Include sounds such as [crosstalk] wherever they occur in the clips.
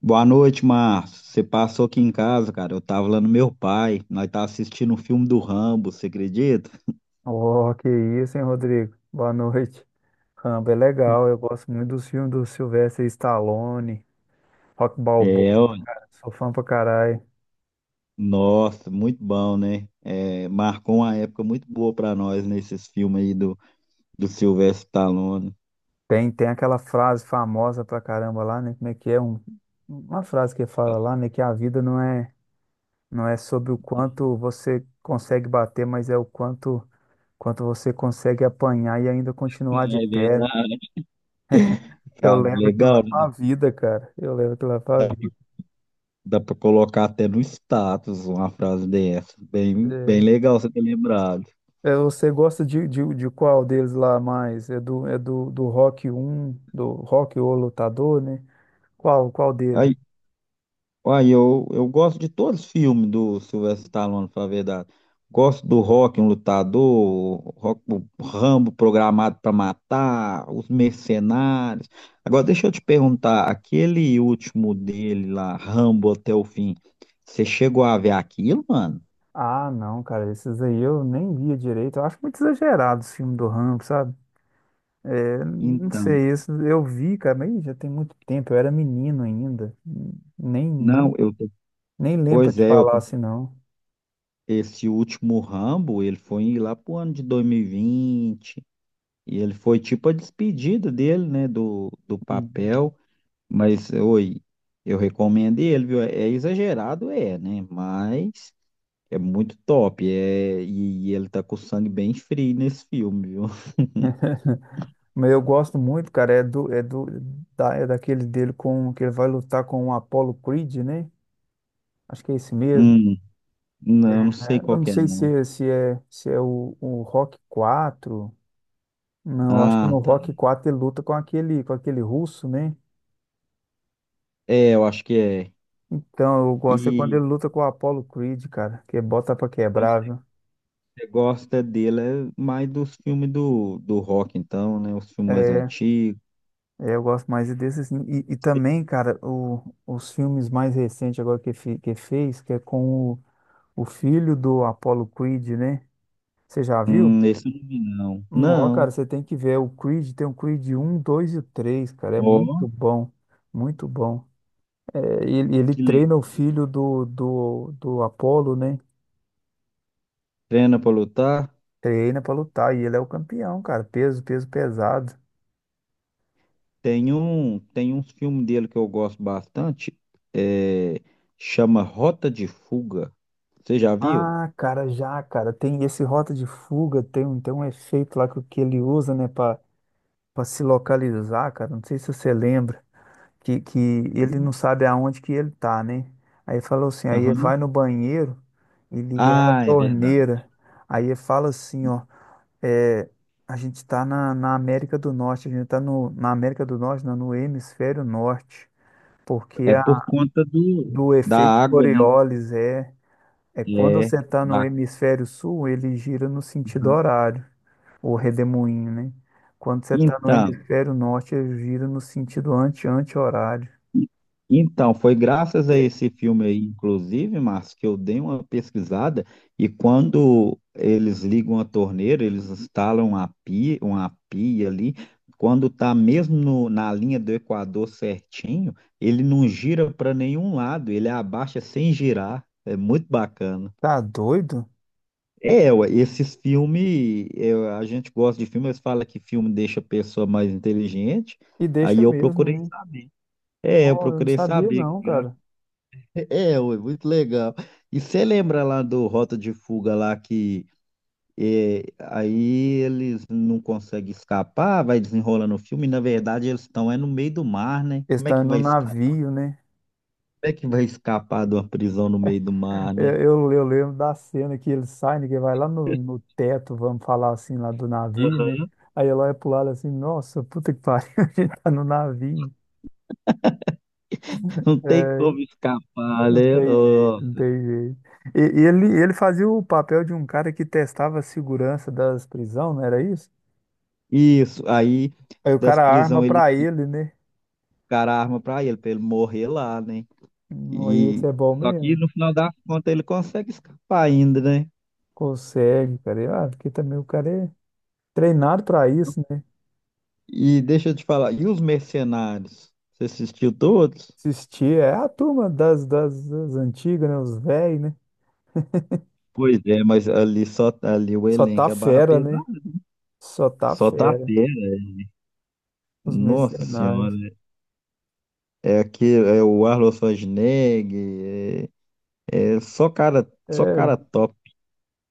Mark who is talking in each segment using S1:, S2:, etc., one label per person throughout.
S1: Boa noite, Márcio. Você passou aqui em casa, cara. Eu tava lá no meu pai. Nós tava assistindo um filme do Rambo, você acredita?
S2: Oh, que isso, hein, Rodrigo? Boa noite. Rambo é legal, eu gosto muito dos filmes do Sylvester Stallone, Rock
S1: É,
S2: Balboa,
S1: ó,
S2: cara, sou fã pra caralho.
S1: nossa, muito bom, né? Marcou uma época muito boa pra nós nesses filmes aí do Sylvester Stallone.
S2: Tem aquela frase famosa pra caramba lá, né? Como é que é? Uma frase que fala lá, né? Que a vida não é sobre o quanto você consegue bater, mas é o quanto você consegue apanhar e ainda continuar de
S1: É
S2: pé, né?
S1: verdade. Tá
S2: Eu levo aquilo lá
S1: legal, né?
S2: pra vida, cara. Eu levo aquilo lá pra
S1: Dá,
S2: vida.
S1: dá pra colocar até no status uma frase dessa. Bem
S2: É.
S1: legal você ter lembrado.
S2: É, você gosta de qual deles lá mais? Do Rock, um do Rock O Lutador, né? Qual dele?
S1: Olha, eu gosto de todos os filmes do Sylvester Stallone, pra falar a verdade. Gosto do Rock, um lutador, o Rock, o Rambo programado para matar, os mercenários. Agora, deixa eu te perguntar, aquele último dele lá, Rambo até o fim, você chegou a ver aquilo, mano?
S2: Ah, não, cara, esses aí eu nem via direito. Eu acho muito exagerado os filmes do Rambo, sabe? É, não
S1: Então,
S2: sei, isso eu vi, cara, mas já tem muito tempo, eu era menino ainda. Nem,
S1: não,
S2: nem,
S1: eu tô-
S2: nem lembro pra
S1: Pois
S2: te
S1: é, eu
S2: falar
S1: tô-
S2: assim, não.
S1: Esse último Rambo, ele foi lá pro ano de 2020, e vinte, e ele foi tipo a despedida dele, né, do papel. Mas eu recomendo ele, viu? É exagerado, é, né? Mas é muito top. E ele tá com o sangue bem frio nesse filme, viu?
S2: Mas eu gosto muito, cara, é daquele dele com, que ele vai lutar com o Apollo Creed, né? Acho que é esse mesmo.
S1: Hum, não, não sei
S2: Eu
S1: qual
S2: não
S1: que é,
S2: sei
S1: não.
S2: se é o Rock quatro. Não, eu acho que no
S1: Ah, tá.
S2: Rock 4 ele luta com com aquele russo, né?
S1: É, eu acho que é.
S2: Então, eu gosto é quando
S1: E
S2: ele luta com o Apollo Creed, cara, que é bota pra
S1: então,
S2: quebrar,
S1: se
S2: viu?
S1: você gosta dele, é mais dos filmes do rock, então, né? Os filmes mais
S2: É,
S1: antigos.
S2: eu gosto mais desses. E também, cara, os filmes mais recentes agora que fez, que é com o filho do Apollo Creed, né? Você já viu?
S1: Esse eu não vi, não.
S2: Não,
S1: Não.
S2: cara, você tem que ver. O Creed tem o Creed um, 2 e o 3, cara. É
S1: Ó,
S2: muito bom. Muito bom. É, ele
S1: que legal.
S2: treina o filho do Apolo, né?
S1: Treina pra lutar.
S2: Treina pra lutar e ele é o campeão, cara. Peso pesado.
S1: Tem uns filmes dele que eu gosto bastante, é, chama Rota de Fuga. Você já viu?
S2: Ah, cara, já, cara, tem esse Rota de Fuga, tem, tem um efeito lá que ele usa, né, pra, pra se localizar, cara, não sei se você lembra, que ele não sabe aonde que ele tá, né? Aí falou assim, aí
S1: Aham.
S2: vai no banheiro e liga a
S1: Ah, é verdade.
S2: torneira, aí fala assim, ó. É, a gente está na América do Norte, a gente está no, na América do Norte, não, no hemisfério norte, porque
S1: É
S2: a,
S1: por conta do,
S2: do
S1: da
S2: efeito
S1: água, né?
S2: Coriolis é, é quando
S1: É,
S2: você está no
S1: da...
S2: hemisfério sul, ele gira no sentido horário, o redemoinho, né? Quando você está no
S1: Então,
S2: hemisfério norte, ele gira no sentido anti-anti-horário.
S1: então, foi graças a esse filme aí, inclusive, Márcio, que eu dei uma pesquisada e quando eles ligam a torneira, eles instalam uma pia ali, quando está mesmo na linha do Equador certinho, ele não gira para nenhum lado, ele abaixa sem girar. É muito bacana.
S2: Tá doido?
S1: É, ué, esses filmes, a gente gosta de filmes, eles falam que filme deixa a pessoa mais inteligente,
S2: E deixa
S1: aí eu
S2: mesmo,
S1: procurei
S2: né?
S1: saber. É, eu
S2: Ó, eu não
S1: procurei
S2: sabia
S1: saber.
S2: não, cara.
S1: É, ué, muito legal. E você lembra lá do Rota de Fuga lá que é, aí eles não conseguem escapar, vai desenrolando o filme, e na verdade eles estão é no meio do mar, né? Como é
S2: Está
S1: que
S2: no
S1: vai escapar?
S2: navio, né?
S1: Como é que vai escapar de uma prisão no meio do mar,
S2: Eu,
S1: né?
S2: eu lembro da cena que ele sai, né, que vai lá no, no teto, vamos falar assim, lá do navio, né?
S1: Aham.
S2: Aí ela olha pro lado assim, nossa, puta que pariu, [laughs] a gente tá no navio.
S1: Não tem
S2: É,
S1: como escapar,
S2: não
S1: né?
S2: tem jeito,
S1: Ó,
S2: não tem jeito. Ele fazia o papel de um cara que testava a segurança das prisões, não era isso?
S1: isso, aí
S2: Aí o
S1: das
S2: cara arma
S1: prisão eles
S2: pra ele, né?
S1: ficaram a arma pra ele morrer lá, né?
S2: Não, aí isso
S1: E
S2: é bom
S1: só que
S2: mesmo?
S1: no final das contas ele consegue escapar ainda, né?
S2: Consegue, cara. E, ah, porque também o cara é treinado pra isso, né?
S1: E deixa eu te falar, e os Mercenários? Você assistiu todos?
S2: Assistir, é a turma das antigas, né? Os velhos, né?
S1: Pois é, mas ali só ali o
S2: Só tá
S1: elenco é barra
S2: fera, né?
S1: pesada.
S2: Só tá
S1: Só tá
S2: fera.
S1: fera.
S2: Os
S1: Nossa
S2: mercenários.
S1: senhora. É o Arnold Schwarzenegger, é só
S2: É,
S1: cara top.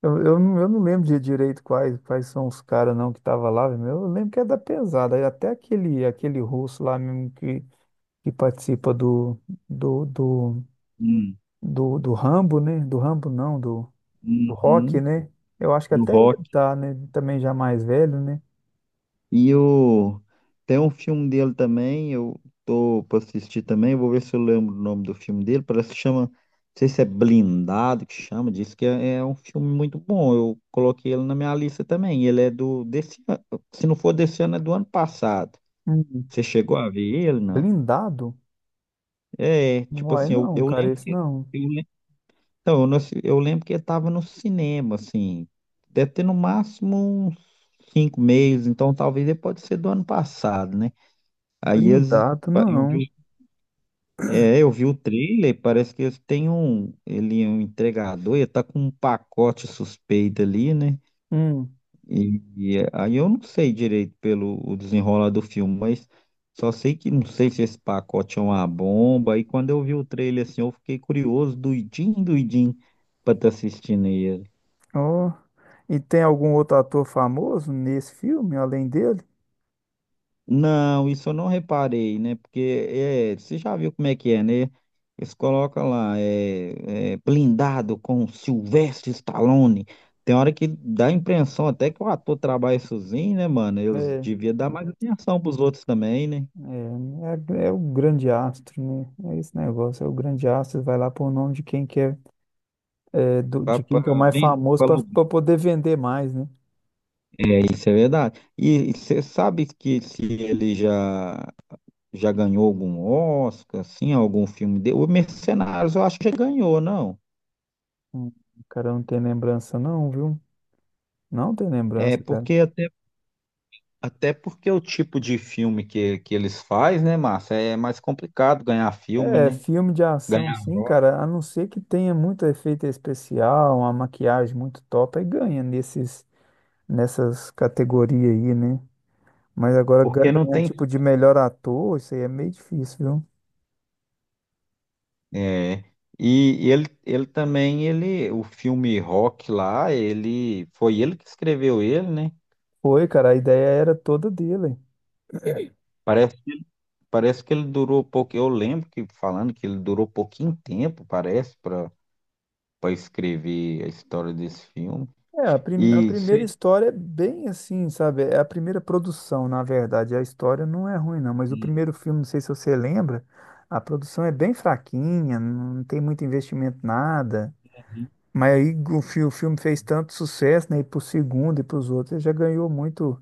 S2: eu não lembro de direito quais são os caras não que tava lá, meu. Eu lembro que é da pesada, e até aquele, aquele russo lá mesmo que participa do, do,
S1: Hum,
S2: do Rambo, né? Do Rambo não, do do Rock,
S1: uhum,
S2: né? Eu acho que
S1: do
S2: até ele
S1: rock.
S2: tá, né? Também já mais velho, né?
S1: E o... tem um filme dele também, eu tô pra assistir também, eu vou ver se eu lembro o nome do filme dele, parece que chama, não sei se é Blindado que chama, diz que é, é um filme muito bom, eu coloquei ele na minha lista também, ele é desse ano, se não for desse ano, é do ano passado.
S2: Hum,
S1: Você chegou a ver ele, não?
S2: blindado?
S1: É, tipo
S2: Uai,
S1: assim,
S2: não,
S1: eu
S2: cara,
S1: lembro
S2: esse
S1: que,
S2: não.
S1: eu, lem- então, eu, não assi- eu lembro que ele tava no cinema, assim, deve ter no máximo uns 5 meses, então talvez ele pode ser do ano passado, né? Aí as-
S2: Blindado,
S1: eu
S2: não.
S1: vi, eu vi o trailer, parece que ele é um entregador, ele tá com um pacote suspeito ali, né?
S2: Hum.
S1: Aí eu não sei direito pelo o desenrolar do filme, mas só sei que não sei se esse pacote é uma bomba. E quando eu vi o trailer assim, eu fiquei curioso, doidinho, pra estar assistindo aí.
S2: Ó. E tem algum outro ator famoso nesse filme, além dele?
S1: Não, isso eu não reparei, né? Porque é, você já viu como é que é, né? Eles colocam lá, blindado com Sylvester Stallone. Tem hora que dá a impressão até que o ator trabalha sozinho, né, mano?
S2: É,
S1: Eles
S2: é,
S1: deviam dar mais atenção pros outros também, né?
S2: é o grande astro, né? É esse negócio, é o grande astro, vai lá pôr o nome de quem que é, é,
S1: Pra,
S2: de
S1: pra,
S2: quem que é o mais famoso
S1: Pra lugar.
S2: para poder vender mais, né?
S1: É, isso é verdade. E você sabe que se ele já ganhou algum Oscar, assim, algum filme dele? O Mercenários eu acho que já ganhou, não?
S2: Hum, o cara não tem lembrança não, viu? Não tem
S1: É
S2: lembrança, cara.
S1: porque até Até porque o tipo de filme que eles fazem, né, Márcia, é mais complicado ganhar filme,
S2: É,
S1: né?
S2: filme de ação,
S1: Ganhar
S2: sim,
S1: Oscar,
S2: cara, a não ser que tenha muito efeito especial, uma maquiagem muito top, aí ganha nessas categorias aí, né? Mas agora
S1: porque não
S2: ganhar
S1: tem.
S2: tipo de melhor ator, isso aí é meio difícil, viu?
S1: é, e ele também, ele, o filme Rock lá, ele foi ele que escreveu ele, né?
S2: Foi, cara, a ideia era toda dele.
S1: Parece, parece que ele durou pouco. Eu lembro que falando que ele durou pouquinho tempo, parece, para escrever a história desse filme.
S2: É, a
S1: E
S2: primeira
S1: sei.
S2: história é bem assim, sabe? É a primeira produção, na verdade. A história não é ruim, não, mas o primeiro filme, não sei se você lembra, a produção é bem fraquinha, não tem muito investimento, nada.
S1: Uhum.
S2: Mas aí o filme fez tanto sucesso, né? E pro segundo e pros outros, ele já ganhou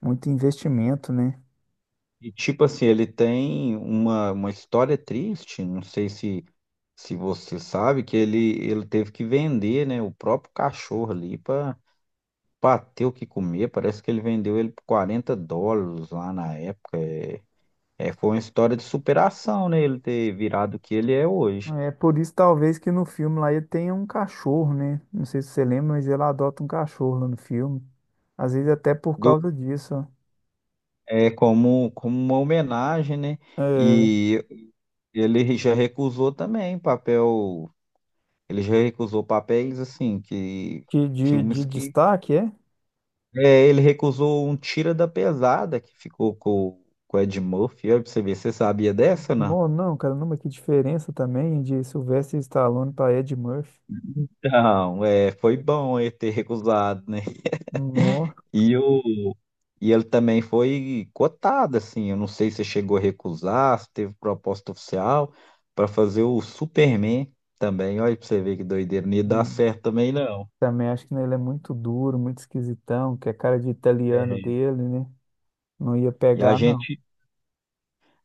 S2: muito investimento, né?
S1: E tipo assim, ele tem uma história triste, não sei se se você sabe que ele teve que vender, né, o próprio cachorro ali para ter o que comer. Parece que ele vendeu ele por 40 dólares lá na época. É, foi uma história de superação, né, ele ter virado o que ele é hoje.
S2: É por isso, talvez, que no filme lá ele tenha um cachorro, né? Não sei se você lembra, mas ele adota um cachorro lá no filme. Às vezes até por
S1: Do,
S2: causa disso, ó.
S1: é como, como uma homenagem, né?
S2: É,
S1: E ele já recusou também papel, ele já recusou papéis assim que
S2: que de
S1: filmes que
S2: destaque, é?
S1: é, ele recusou um tira da pesada que ficou com o Ed Murphy. Olha pra você ver, você sabia dessa ou não?
S2: Não, não, cara, não, mas que diferença também de Sylvester Stallone para Ed Murphy.
S1: Não, é, foi bom ele ter recusado, né?
S2: Nó.
S1: E, o, e ele também foi cotado, assim. Eu não sei se chegou a recusar, se teve proposta oficial para fazer o Superman também. Olha pra você ver que doideira. Não ia dar
S2: Hum.
S1: certo também, não.
S2: Também acho que, né, ele é muito duro, muito esquisitão, que é cara de italiano
S1: É,
S2: dele, né? Não ia
S1: e
S2: pegar, não.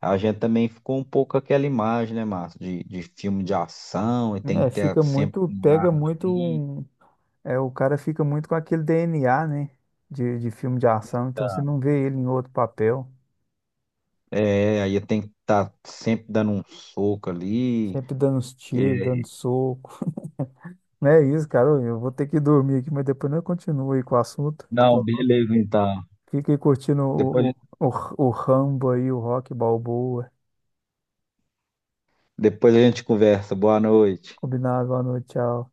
S1: a gente também ficou um pouco com aquela imagem, né, Márcio, de filme de ação, e tem
S2: É,
S1: que ter
S2: fica
S1: sempre
S2: muito,
S1: uma
S2: pega
S1: arma
S2: muito
S1: ali.
S2: um. É, o cara fica muito com aquele DNA, né? De filme de ação, então você não vê ele em outro papel.
S1: É, aí tem que estar sempre dando um soco ali.
S2: Sempre dando uns tiros,
S1: que-
S2: dando soco. Não é isso, cara. Eu vou ter que dormir aqui, mas depois eu continuo aí com o assunto.
S1: Não,
S2: Então,
S1: beleza, então.
S2: fica aí curtindo
S1: Depois,
S2: o Rambo aí, o Rock Balboa.
S1: depois a gente conversa. Boa noite.
S2: Combinado, boa noite, tchau.